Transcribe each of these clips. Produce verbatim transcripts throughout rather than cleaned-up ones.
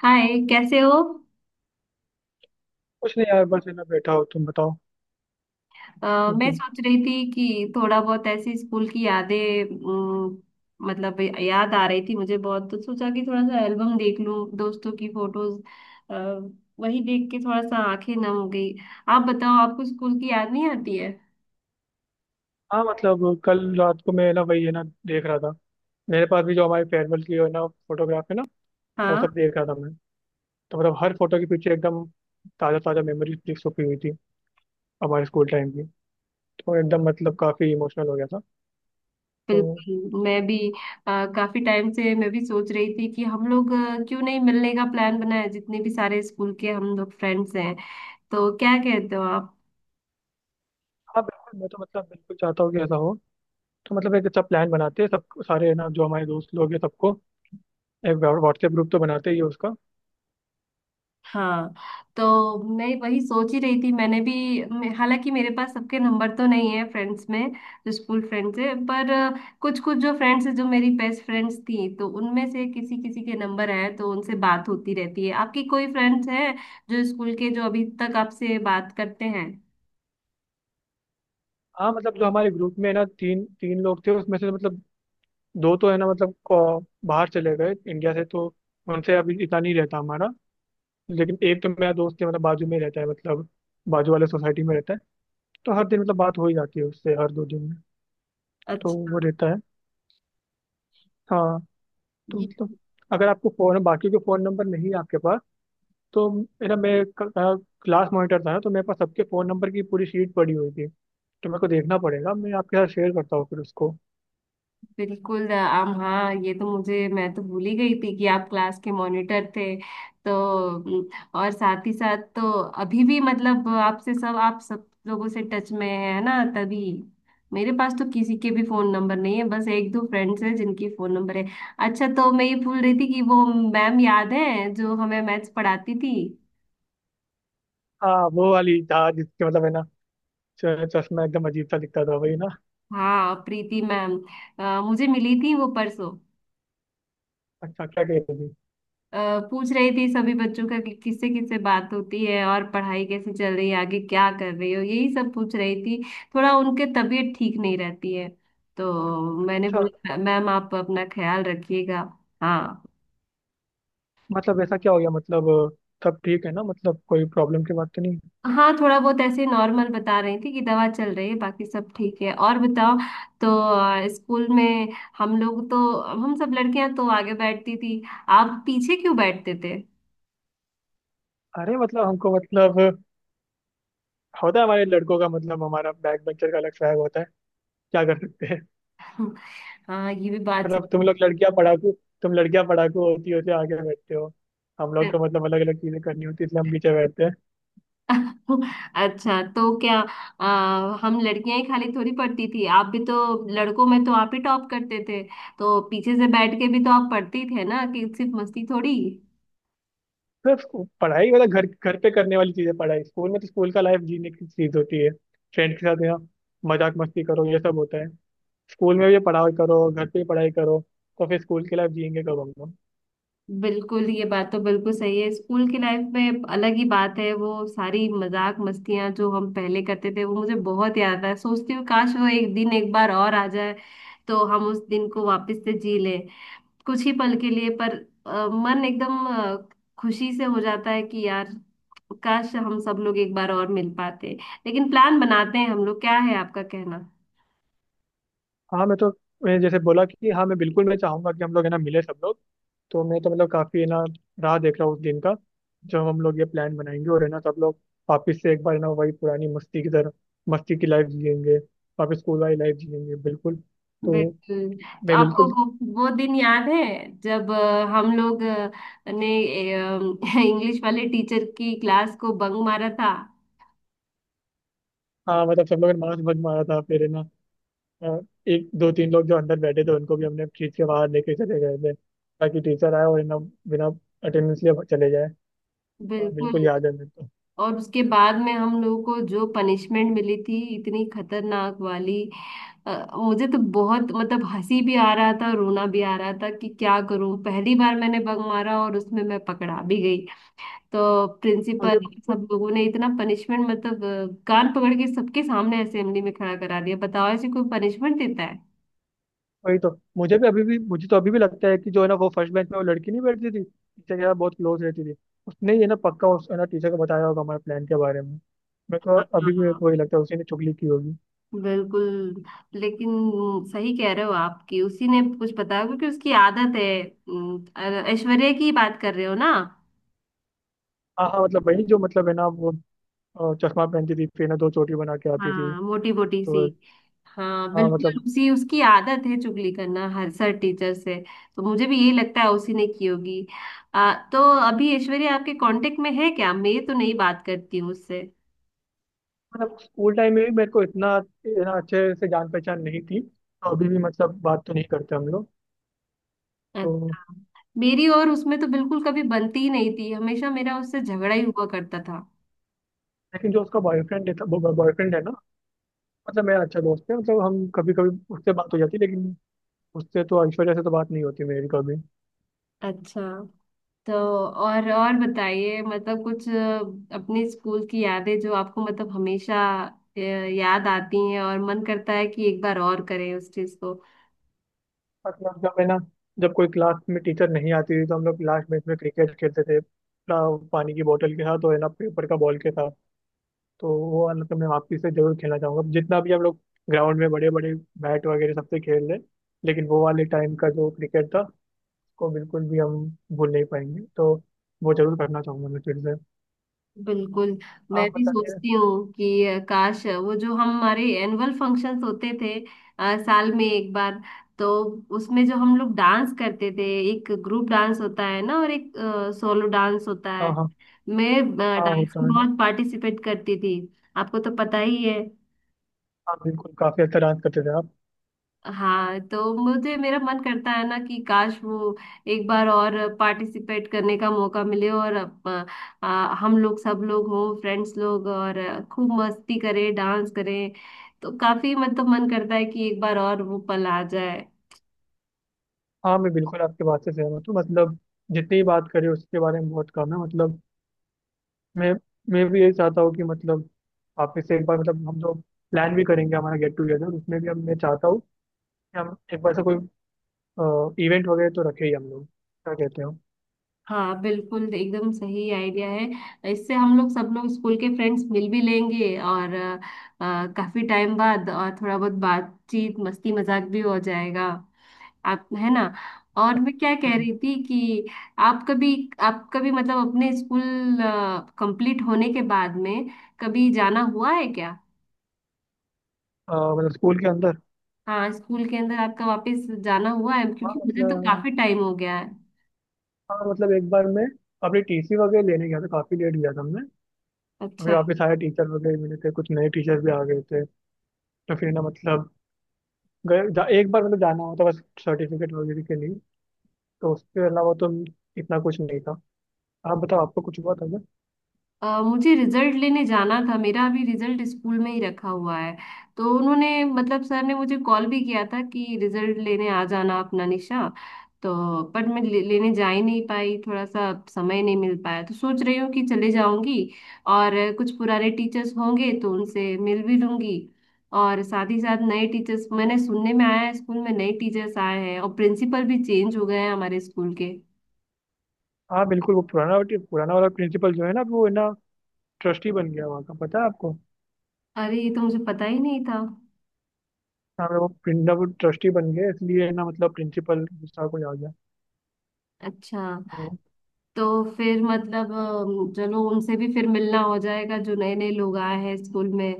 हाय कैसे हो। कुछ नहीं यार, बस है ना बैठा हो। तुम बताओ अ, ठीक मैं हो। सोच रही थी कि थोड़ा बहुत ऐसी स्कूल की यादें अम, मतलब याद आ रही थी मुझे बहुत। तो सोचा कि थोड़ा सा एल्बम देख लूं दोस्तों की फोटोज। वही देख के थोड़ा सा आंखें नम हो गई। आप बताओ आपको स्कूल की याद नहीं आती है? हाँ मतलब कल रात को मैं है ना वही है ना देख रहा था। मेरे पास भी जो हमारे फेयरवेल की है ना फोटोग्राफ है ना वो सब हाँ, देख रहा था मैं। तो मतलब हर फोटो के पीछे एकदम ताज़ा ताज़ा मेमोरीज छुपी हुई थी हमारे स्कूल टाइम की। तो एकदम मतलब काफ़ी इमोशनल हो गया था। तो बिल्कुल मैं भी। अ, काफी टाइम से मैं भी सोच रही थी कि हम लोग अ, क्यों नहीं मिलने का प्लान बनाए, जितने भी सारे स्कूल के हम लोग फ्रेंड्स हैं। तो क्या कहते हो आप? हाँ बिल्कुल, मैं तो मतलब बिल्कुल चाहता हूँ कि ऐसा हो। तो मतलब एक अच्छा प्लान बनाते हैं सब सारे, है ना, जो हमारे दोस्त लोग हैं सबको। एक व्हाट्सएप ग्रुप तो बनाते ही है उसका। हाँ, तो मैं वही सोच ही रही थी, मैंने भी। मैं- हालांकि मेरे पास सबके नंबर तो नहीं है फ्रेंड्स में, जो स्कूल फ्रेंड्स है। पर कुछ कुछ जो फ्रेंड्स है, जो मेरी बेस्ट फ्रेंड्स थी, तो उनमें से किसी किसी के नंबर है, तो उनसे बात होती रहती है। आपकी कोई फ्रेंड्स है जो स्कूल के, जो अभी तक आपसे बात करते हैं? हाँ मतलब जो हमारे ग्रुप में है ना तीन तीन लोग थे, उसमें से मतलब दो तो है ना मतलब अ, बाहर चले गए इंडिया से। तो उनसे अभी इतना नहीं रहता हमारा। लेकिन एक तो मेरा दोस्त है मतलब बाजू में ही रहता है, मतलब बाजू वाले सोसाइटी में रहता है। तो हर दिन मतलब बात हो ही जाती है उससे, हर दो दिन में। तो अच्छा। वो रहता है। हाँ। तो मतलब अगर आपको फोन बाकी के फोन नंबर नहीं है आपके पास तो, मेरा, मैं क्लास मॉनिटर था ना तो मेरे पास सबके फोन नंबर की पूरी शीट पड़ी हुई थी। तो मेरे को देखना पड़ेगा, मैं आपके साथ शेयर करता हूँ फिर उसको। बिल्कुल आम हाँ, ये तो मुझे, मैं तो भूल ही गई थी कि आप क्लास के मॉनिटर थे। तो उम, और साथ ही साथ तो अभी भी मतलब आपसे सब, आप सब लोगों से टच में है ना, तभी। मेरे पास तो किसी के भी फोन नंबर नहीं है, बस एक दो फ्रेंड्स हैं जिनकी फोन नंबर है। अच्छा, तो मैं ये भूल रही थी कि वो मैम याद है जो हमें मैथ्स पढ़ाती थी। हाँ वो वाली था जिसके मतलब है ना च- चश्मा एकदम अजीब सा दिखता था, वही ना। हाँ, प्रीति मैम। अ, मुझे मिली थी वो परसों। अच्छा क्या कहते थे। अ, पूछ रही थी सभी बच्चों का कि किससे किससे बात होती है और पढ़ाई कैसी चल रही है, आगे क्या कर रही हो, यही सब पूछ रही थी। थोड़ा उनके तबीयत ठीक नहीं रहती है, तो मैंने अच्छा बोला मैम आप अपना ख्याल रखिएगा। हाँ। मतलब ऐसा क्या हो गया मतलब, सब ठीक है ना मतलब, कोई प्रॉब्लम की बात तो नहीं। हाँ, थोड़ा बहुत ऐसे नॉर्मल बता रही थी कि दवा चल रही है, बाकी सब ठीक है। और बताओ। तो अ, स्कूल में हम लोग, तो हम सब लड़कियां तो आगे बैठती थी, आप पीछे क्यों बैठते थे? अरे मतलब हमको मतलब होता है हमारे लड़कों का मतलब, हमारा बैक बेंचर का अलग स्वैग होता है, क्या कर सकते हैं। हाँ, ये भी बात मतलब तुम सही लोग लड़कियां पढ़ाकू, तुम लड़कियां पढ़ाकू होती होती आगे बैठते हो। हम लोग है। को मतलब अलग अलग चीजें करनी होती है इसलिए हम पीछे बैठते हैं। अच्छा, तो क्या आ, हम लड़कियां ही खाली थोड़ी पढ़ती थी, आप भी तो। लड़कों में तो आप ही टॉप करते थे, तो पीछे से बैठ के भी तो आप पढ़ती थे ना, कि सिर्फ मस्ती थोड़ी। सिर्फ पढ़ाई मतलब घर घर पे करने वाली चीजें, पढ़ाई स्कूल में तो स्कूल का लाइफ जीने की चीज होती है। फ्रेंड के साथ यहाँ मजाक मस्ती करो ये सब होता है। स्कूल में भी पढ़ाई करो, घर पे भी पढ़ाई करो, तो फिर स्कूल की लाइफ जियेंगे कब हम लोग। बिल्कुल, ये बात तो बिल्कुल सही है। स्कूल की लाइफ में अलग ही बात है, वो सारी मजाक मस्तियां जो हम पहले करते थे, वो मुझे बहुत याद आता है। सोचती हूँ काश वो एक दिन एक बार और आ जाए, तो हम उस दिन को वापस से जी ले, कुछ ही पल के लिए पर। अ, मन एकदम अ, खुशी से हो जाता है कि यार काश हम सब लोग एक बार और मिल पाते। लेकिन प्लान बनाते हैं हम लोग, क्या है आपका कहना? हाँ मैं तो, मैं जैसे बोला कि हाँ मैं बिल्कुल मैं चाहूंगा कि हम लोग है ना मिले सब लोग। तो मैं तो मतलब काफी है ना राह देख रहा हूँ उस दिन का, जब हम लोग ये प्लान बनाएंगे और है ना सब लोग वापिस से एक बार है ना वही पुरानी मस्ती की तरह मस्ती की लाइफ जिएंगे, वापस स्कूल वाली लाइफ जिएंगे, बिल्कुल। तो बिल्कुल। तो मैं आपको बिल्कुल। वो वो दिन याद है जब अ, हम लोग अ, ने इंग्लिश वाले टीचर की क्लास को बंक मारा था? हाँ मतलब सब लोगों ने मांस भंग मारा था फिर है ना, अ, एक दो तीन लोग जो अंदर बैठे थे उनको भी हमने खींच के बाहर लेके चले गए थे, ताकि टीचर आए और है ना बिना अटेंडेंस लिए चले जाए। हाँ बिल्कुल। बिल्कुल याद है मेरे को। और उसके बाद में हम लोगों को जो पनिशमेंट मिली थी, इतनी खतरनाक वाली। अ, मुझे तो बहुत, मतलब हंसी भी आ रहा था, रोना भी आ रहा था कि क्या करूं। पहली बार मैंने बग मारा और उसमें मैं पकड़ा भी गई। तो प्रिंसिपल, मुझे सब लोगों ने इतना पनिशमेंट मतलब अ, कान पकड़ के सबके सामने असेंबली में खड़ा करा दिया। बताओ ऐसे कोई पनिशमेंट देता है? वही तो, मुझे भी अभी भी, मुझे तो अभी भी लगता है कि जो है ना वो फर्स्ट बेंच में वो लड़की नहीं बैठती थी टीचर के साथ बहुत क्लोज रहती थी, उसने ये ना पक्का उस है ना टीचर को बताया होगा हमारे प्लान के बारे में। मेरे को हाँ हाँ अभी भी, मेरे हाँ। को वही लगता है उसी ने चुगली की होगी। बिल्कुल। लेकिन सही कह रहे हो, आपकी, उसी ने कुछ बताया क्योंकि उसकी आदत है। अम, ऐश्वर्या की बात कर रहे हो ना? हाँ हाँ मतलब वही जो मतलब है ना वो अ, चश्मा पहनती थी, फिर ना दो चोटी बना के आती थी। हाँ, मोटी मोटी सी। तो, हाँ, हाँ बिल्कुल मतलब। उसी, उसकी आदत है चुगली करना हर सर टीचर से। तो मुझे भी यही लगता है उसी ने की होगी। आ, तो अभी ऐश्वर्या आपके कांटेक्ट में है क्या? मैं तो नहीं बात करती हूँ उससे। मतलब स्कूल टाइम में भी मेरे को इतना है ना अच्छे से जान पहचान नहीं थी, तो अभी भी मतलब बात तो नहीं करते हम लोग। तो अच्छा। मेरी और उसमें तो बिल्कुल कभी बनती ही नहीं थी, हमेशा मेरा उससे झगड़ा ही हुआ करता था। लेकिन जो उसका बॉयफ्रेंड है वो बॉयफ्रेंड है ना, मतलब मेरा अच्छा दोस्त है मतलब, हम कभी कभी उससे बात हो जाती है, लेकिन उससे तो, ऐश्वर्या से तो बात नहीं होती मेरी कभी। अच्छा, तो और और बताइए मतलब कुछ अ, अपने स्कूल की यादें जो आपको मतलब हमेशा अ, याद आती हैं और मन करता है कि एक बार और करें उस चीज को। मतलब जब है ना जब कोई क्लास में टीचर नहीं आती थी तो हम लोग लास्ट मैच में क्रिकेट खेलते थे अपना, पानी की बोतल के साथ और है ना पेपर का बॉल के साथ। तो वो वाला तो मैं वापसी से जरूर खेलना चाहूंगा, जितना भी हम लोग ग्राउंड में बड़े बड़े बैट वगैरह सबसे खेल रहे, लेकिन वो वाले टाइम का जो क्रिकेट था उसको बिल्कुल भी हम भूल नहीं पाएंगे। तो वो जरूर करना चाहूंगा मैं फिर से। बिल्कुल। मैं आप भी बताइए। सोचती हूँ कि अ, काश अ, वो जो हम, हमारे एनुअल फंक्शंस होते थे अ, साल में एक बार, तो उसमें जो हम लोग डांस करते थे, एक ग्रुप डांस होता है ना और एक सोलो डांस होता हाँ है। हाँ मैं हाँ। डांस होता में है ना। बहुत पार्टिसिपेट करती थी, आपको तो पता ही है। हाँ बिल्कुल, काफी अच्छा डांस करते थे आप। हाँ, तो मुझे, मेरा मन करता है ना कि काश वो एक बार और पार्टिसिपेट करने का मौका मिले और अप- आ, हम लोग, सब लोग हों, फ्रेंड्स लोग, और खूब मस्ती करें, डांस करें। तो काफी मतलब मन करता है कि एक बार और वो पल आ जाए। हाँ मैं बिल्कुल आपके बात से सहमत हूँ मतलब, जितनी ही बात करें उसके बारे में बहुत कम है मतलब। मैं मैं भी यही चाहता हूँ कि मतलब वापस से एक बार मतलब हम लोग प्लान भी करेंगे हमारा गेट टुगेदर, उसमें भी हम, मैं चाहता हूँ कि हम एक बार से कोई इवेंट वगैरह तो रखे ही हम लोग, क्या कहते हो। हाँ, बिल्कुल एकदम सही आइडिया है। इससे हम लोग सब लोग स्कूल के फ्रेंड्स मिल भी लेंगे और आ, काफी टाइम बाद, और थोड़ा बहुत बातचीत, मस्ती मजाक भी हो जाएगा। आप है ना, और मैं क्या कह हम्म, रही थी कि आप कभी, आप कभी मतलब अपने स्कूल कंप्लीट होने के बाद में कभी जाना हुआ है क्या? अ, मतलब स्कूल के अंदर। हाँ स्कूल के अंदर आपका वापस जाना हुआ है, हाँ क्योंकि मुझे तो मतलब। काफी टाइम हो गया है। हाँ मतलब एक बार मैं अपनी टीसी वगैरह लेने गया था, काफी लेट गया था मैं। अभी अच्छा। वापस आया टीचर वगैरह मिले थे, कुछ नए टीचर भी आ गए थे। तो फिर ना मतलब गए जा, एक बार मतलब जाना हुआ था बस सर्टिफिकेट वगैरह के लिए। तो उसके अलावा तो इतना कुछ नहीं था। आप बताओ आपको कुछ हुआ था क्या। अ, मुझे रिजल्ट लेने जाना था, मेरा अभी रिजल्ट स्कूल में ही रखा हुआ है। तो उन्होंने मतलब सर ने मुझे कॉल भी किया था कि रिजल्ट लेने आ जाना अपना निशा। तो पर मैं ले, लेने जा ही नहीं पाई, थोड़ा सा समय नहीं मिल पाया। तो सोच रही हूँ कि चले जाऊंगी और कुछ पुराने टीचर्स होंगे तो उनसे मिल भी लूंगी। और साथ ही साथ नए टीचर्स, मैंने सुनने में आया है स्कूल में नए टीचर्स आए हैं, और प्रिंसिपल भी चेंज हो गए हैं हमारे स्कूल के। हाँ बिल्कुल वो पुराना, पुराना वाला प्रिंसिपल जो है ना, वो है ना ट्रस्टी बन गया वहाँ का, पता है आपको। अरे, ये तो मुझे पता ही नहीं था। हाँ वो प्रिंसिपल वो ट्रस्टी बन गया इसलिए है ना मतलब प्रिंसिपल गुस्सा को आ गया। अच्छा, तो तो फिर मतलब अम, चलो उनसे भी फिर मिलना हो जाएगा जो नए नए लोग आए हैं स्कूल में।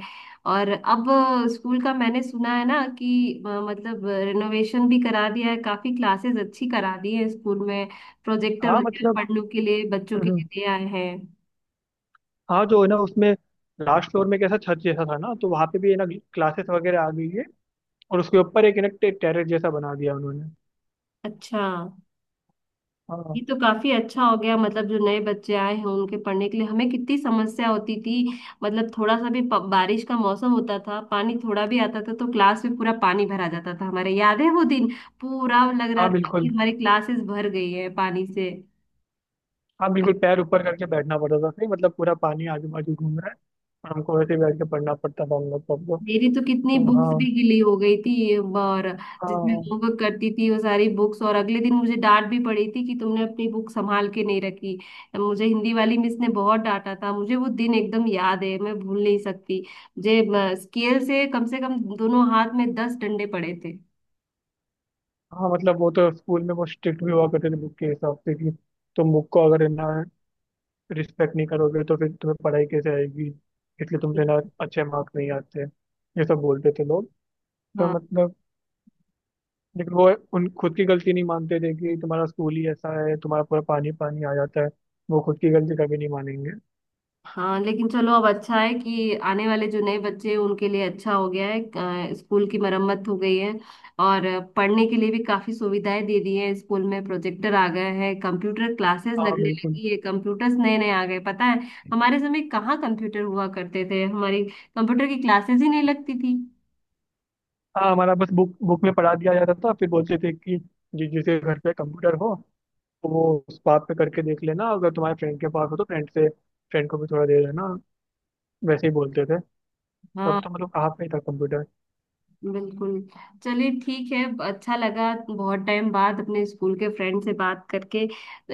और अब अ, स्कूल का मैंने सुना है ना कि अ, मतलब रिनोवेशन भी करा दिया है, काफी क्लासेस अच्छी करा दी है स्कूल में। प्रोजेक्टर हाँ वगैरह मतलब। पढ़ने के लिए बच्चों के लिए हम्म, दे आए हैं। हाँ जो है ना उसमें लास्ट फ्लोर में कैसा छत जैसा था ना, तो वहाँ पे भी है ना क्लासेस वगैरह आ गई है। और उसके ऊपर एक है ना टेरेस जैसा बना दिया उन्होंने। अच्छा। ये हाँ। तो काफी अच्छा हो गया। मतलब जो नए बच्चे आए हैं उनके पढ़ने के लिए, हमें कितनी समस्या होती थी। मतलब थोड़ा सा भी प- बारिश का मौसम होता था, पानी थोड़ा भी आता था तो क्लास में पूरा पानी भरा जाता था हमारे, याद है वो दिन? पूरा लग रहा हाँ था कि बिल्कुल। हमारी क्लासेस भर गई है पानी से। हाँ बिल्कुल पैर ऊपर करके बैठना पड़ता था फिर मतलब, पूरा पानी आजू बाजू घूम रहा है और हमको वैसे ही बैठ के पढ़ना पड़ता था हम लोग सबको। तो मेरी तो कितनी तो बुक्स भी हाँ। गिली हो गई थी ये, और जिसमें हाँ। होमवर्क करती थी वो सारी बुक्स। और अगले दिन मुझे डांट भी पड़ी थी कि तुमने अपनी बुक संभाल के नहीं रखी। मुझे हिंदी वाली मिस ने बहुत डांटा था मुझे, वो दिन एकदम याद है, मैं भूल नहीं सकती मुझे। स्केल से कम से कम दोनों हाथ में दस डंडे पड़े थे। हाँ मतलब वो तो स्कूल में वो स्ट्रिक्ट भी हुआ करते थे बुक के हिसाब से कि, तुम बुक को अगर है ना रिस्पेक्ट नहीं करोगे तो फिर तुम्हें पढ़ाई कैसे आएगी, इसलिए तुमसे ना अच्छे मार्क्स नहीं आते, ये सब बोलते थे लोग। तो हाँ। मतलब, लेकिन वो उन खुद की गलती नहीं मानते थे कि तुम्हारा स्कूल ही ऐसा है, तुम्हारा पूरा पानी पानी आ जाता है, वो खुद की गलती कभी नहीं मानेंगे। हाँ, लेकिन चलो अब अच्छा है कि आने वाले जो नए बच्चे हैं उनके लिए अच्छा हो गया है। अ, स्कूल की मरम्मत हो गई है और पढ़ने के लिए भी काफी सुविधाएं दे दी हैं। स्कूल में प्रोजेक्टर आ गए हैं, कंप्यूटर क्लासेस हाँ लगने बिल्कुल। लगी है, कंप्यूटर्स नए नए आ गए, पता है? हमारे समय कहाँ कंप्यूटर हुआ करते थे, हमारी कंप्यूटर की क्लासेस ही नहीं लगती थी। हाँ हमारा बस बुक बुक में पढ़ा दिया जाता था, फिर बोलते थे कि जिस जिसके घर पे कंप्यूटर हो तो वो, उस बात पे करके देख लेना, अगर तुम्हारे फ्रेंड के पास हो तो फ्रेंड से फ्रेंड को भी थोड़ा दे देना, वैसे ही बोलते थे। हाँ, तब तो मतलब कहाँ पे था कंप्यूटर। बिल्कुल। चलिए ठीक है। अच्छा लगा बहुत टाइम बाद अपने स्कूल के फ्रेंड से बात करके।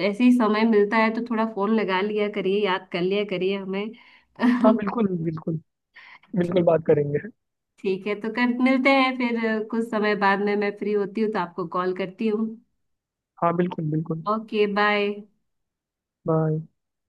ऐसे ही समय मिलता है तो थोड़ा फोन लगा लिया करिए, याद कर लिया करिए हमें। हाँ बिल्कुल बिल्कुल, बिल्कुल बात करेंगे। ठीक है, तो कर मिलते हैं फिर, कुछ समय बाद में मैं फ्री होती हूँ तो आपको कॉल करती हूँ। हाँ बिल्कुल बिल्कुल। Okay, bye. बाय।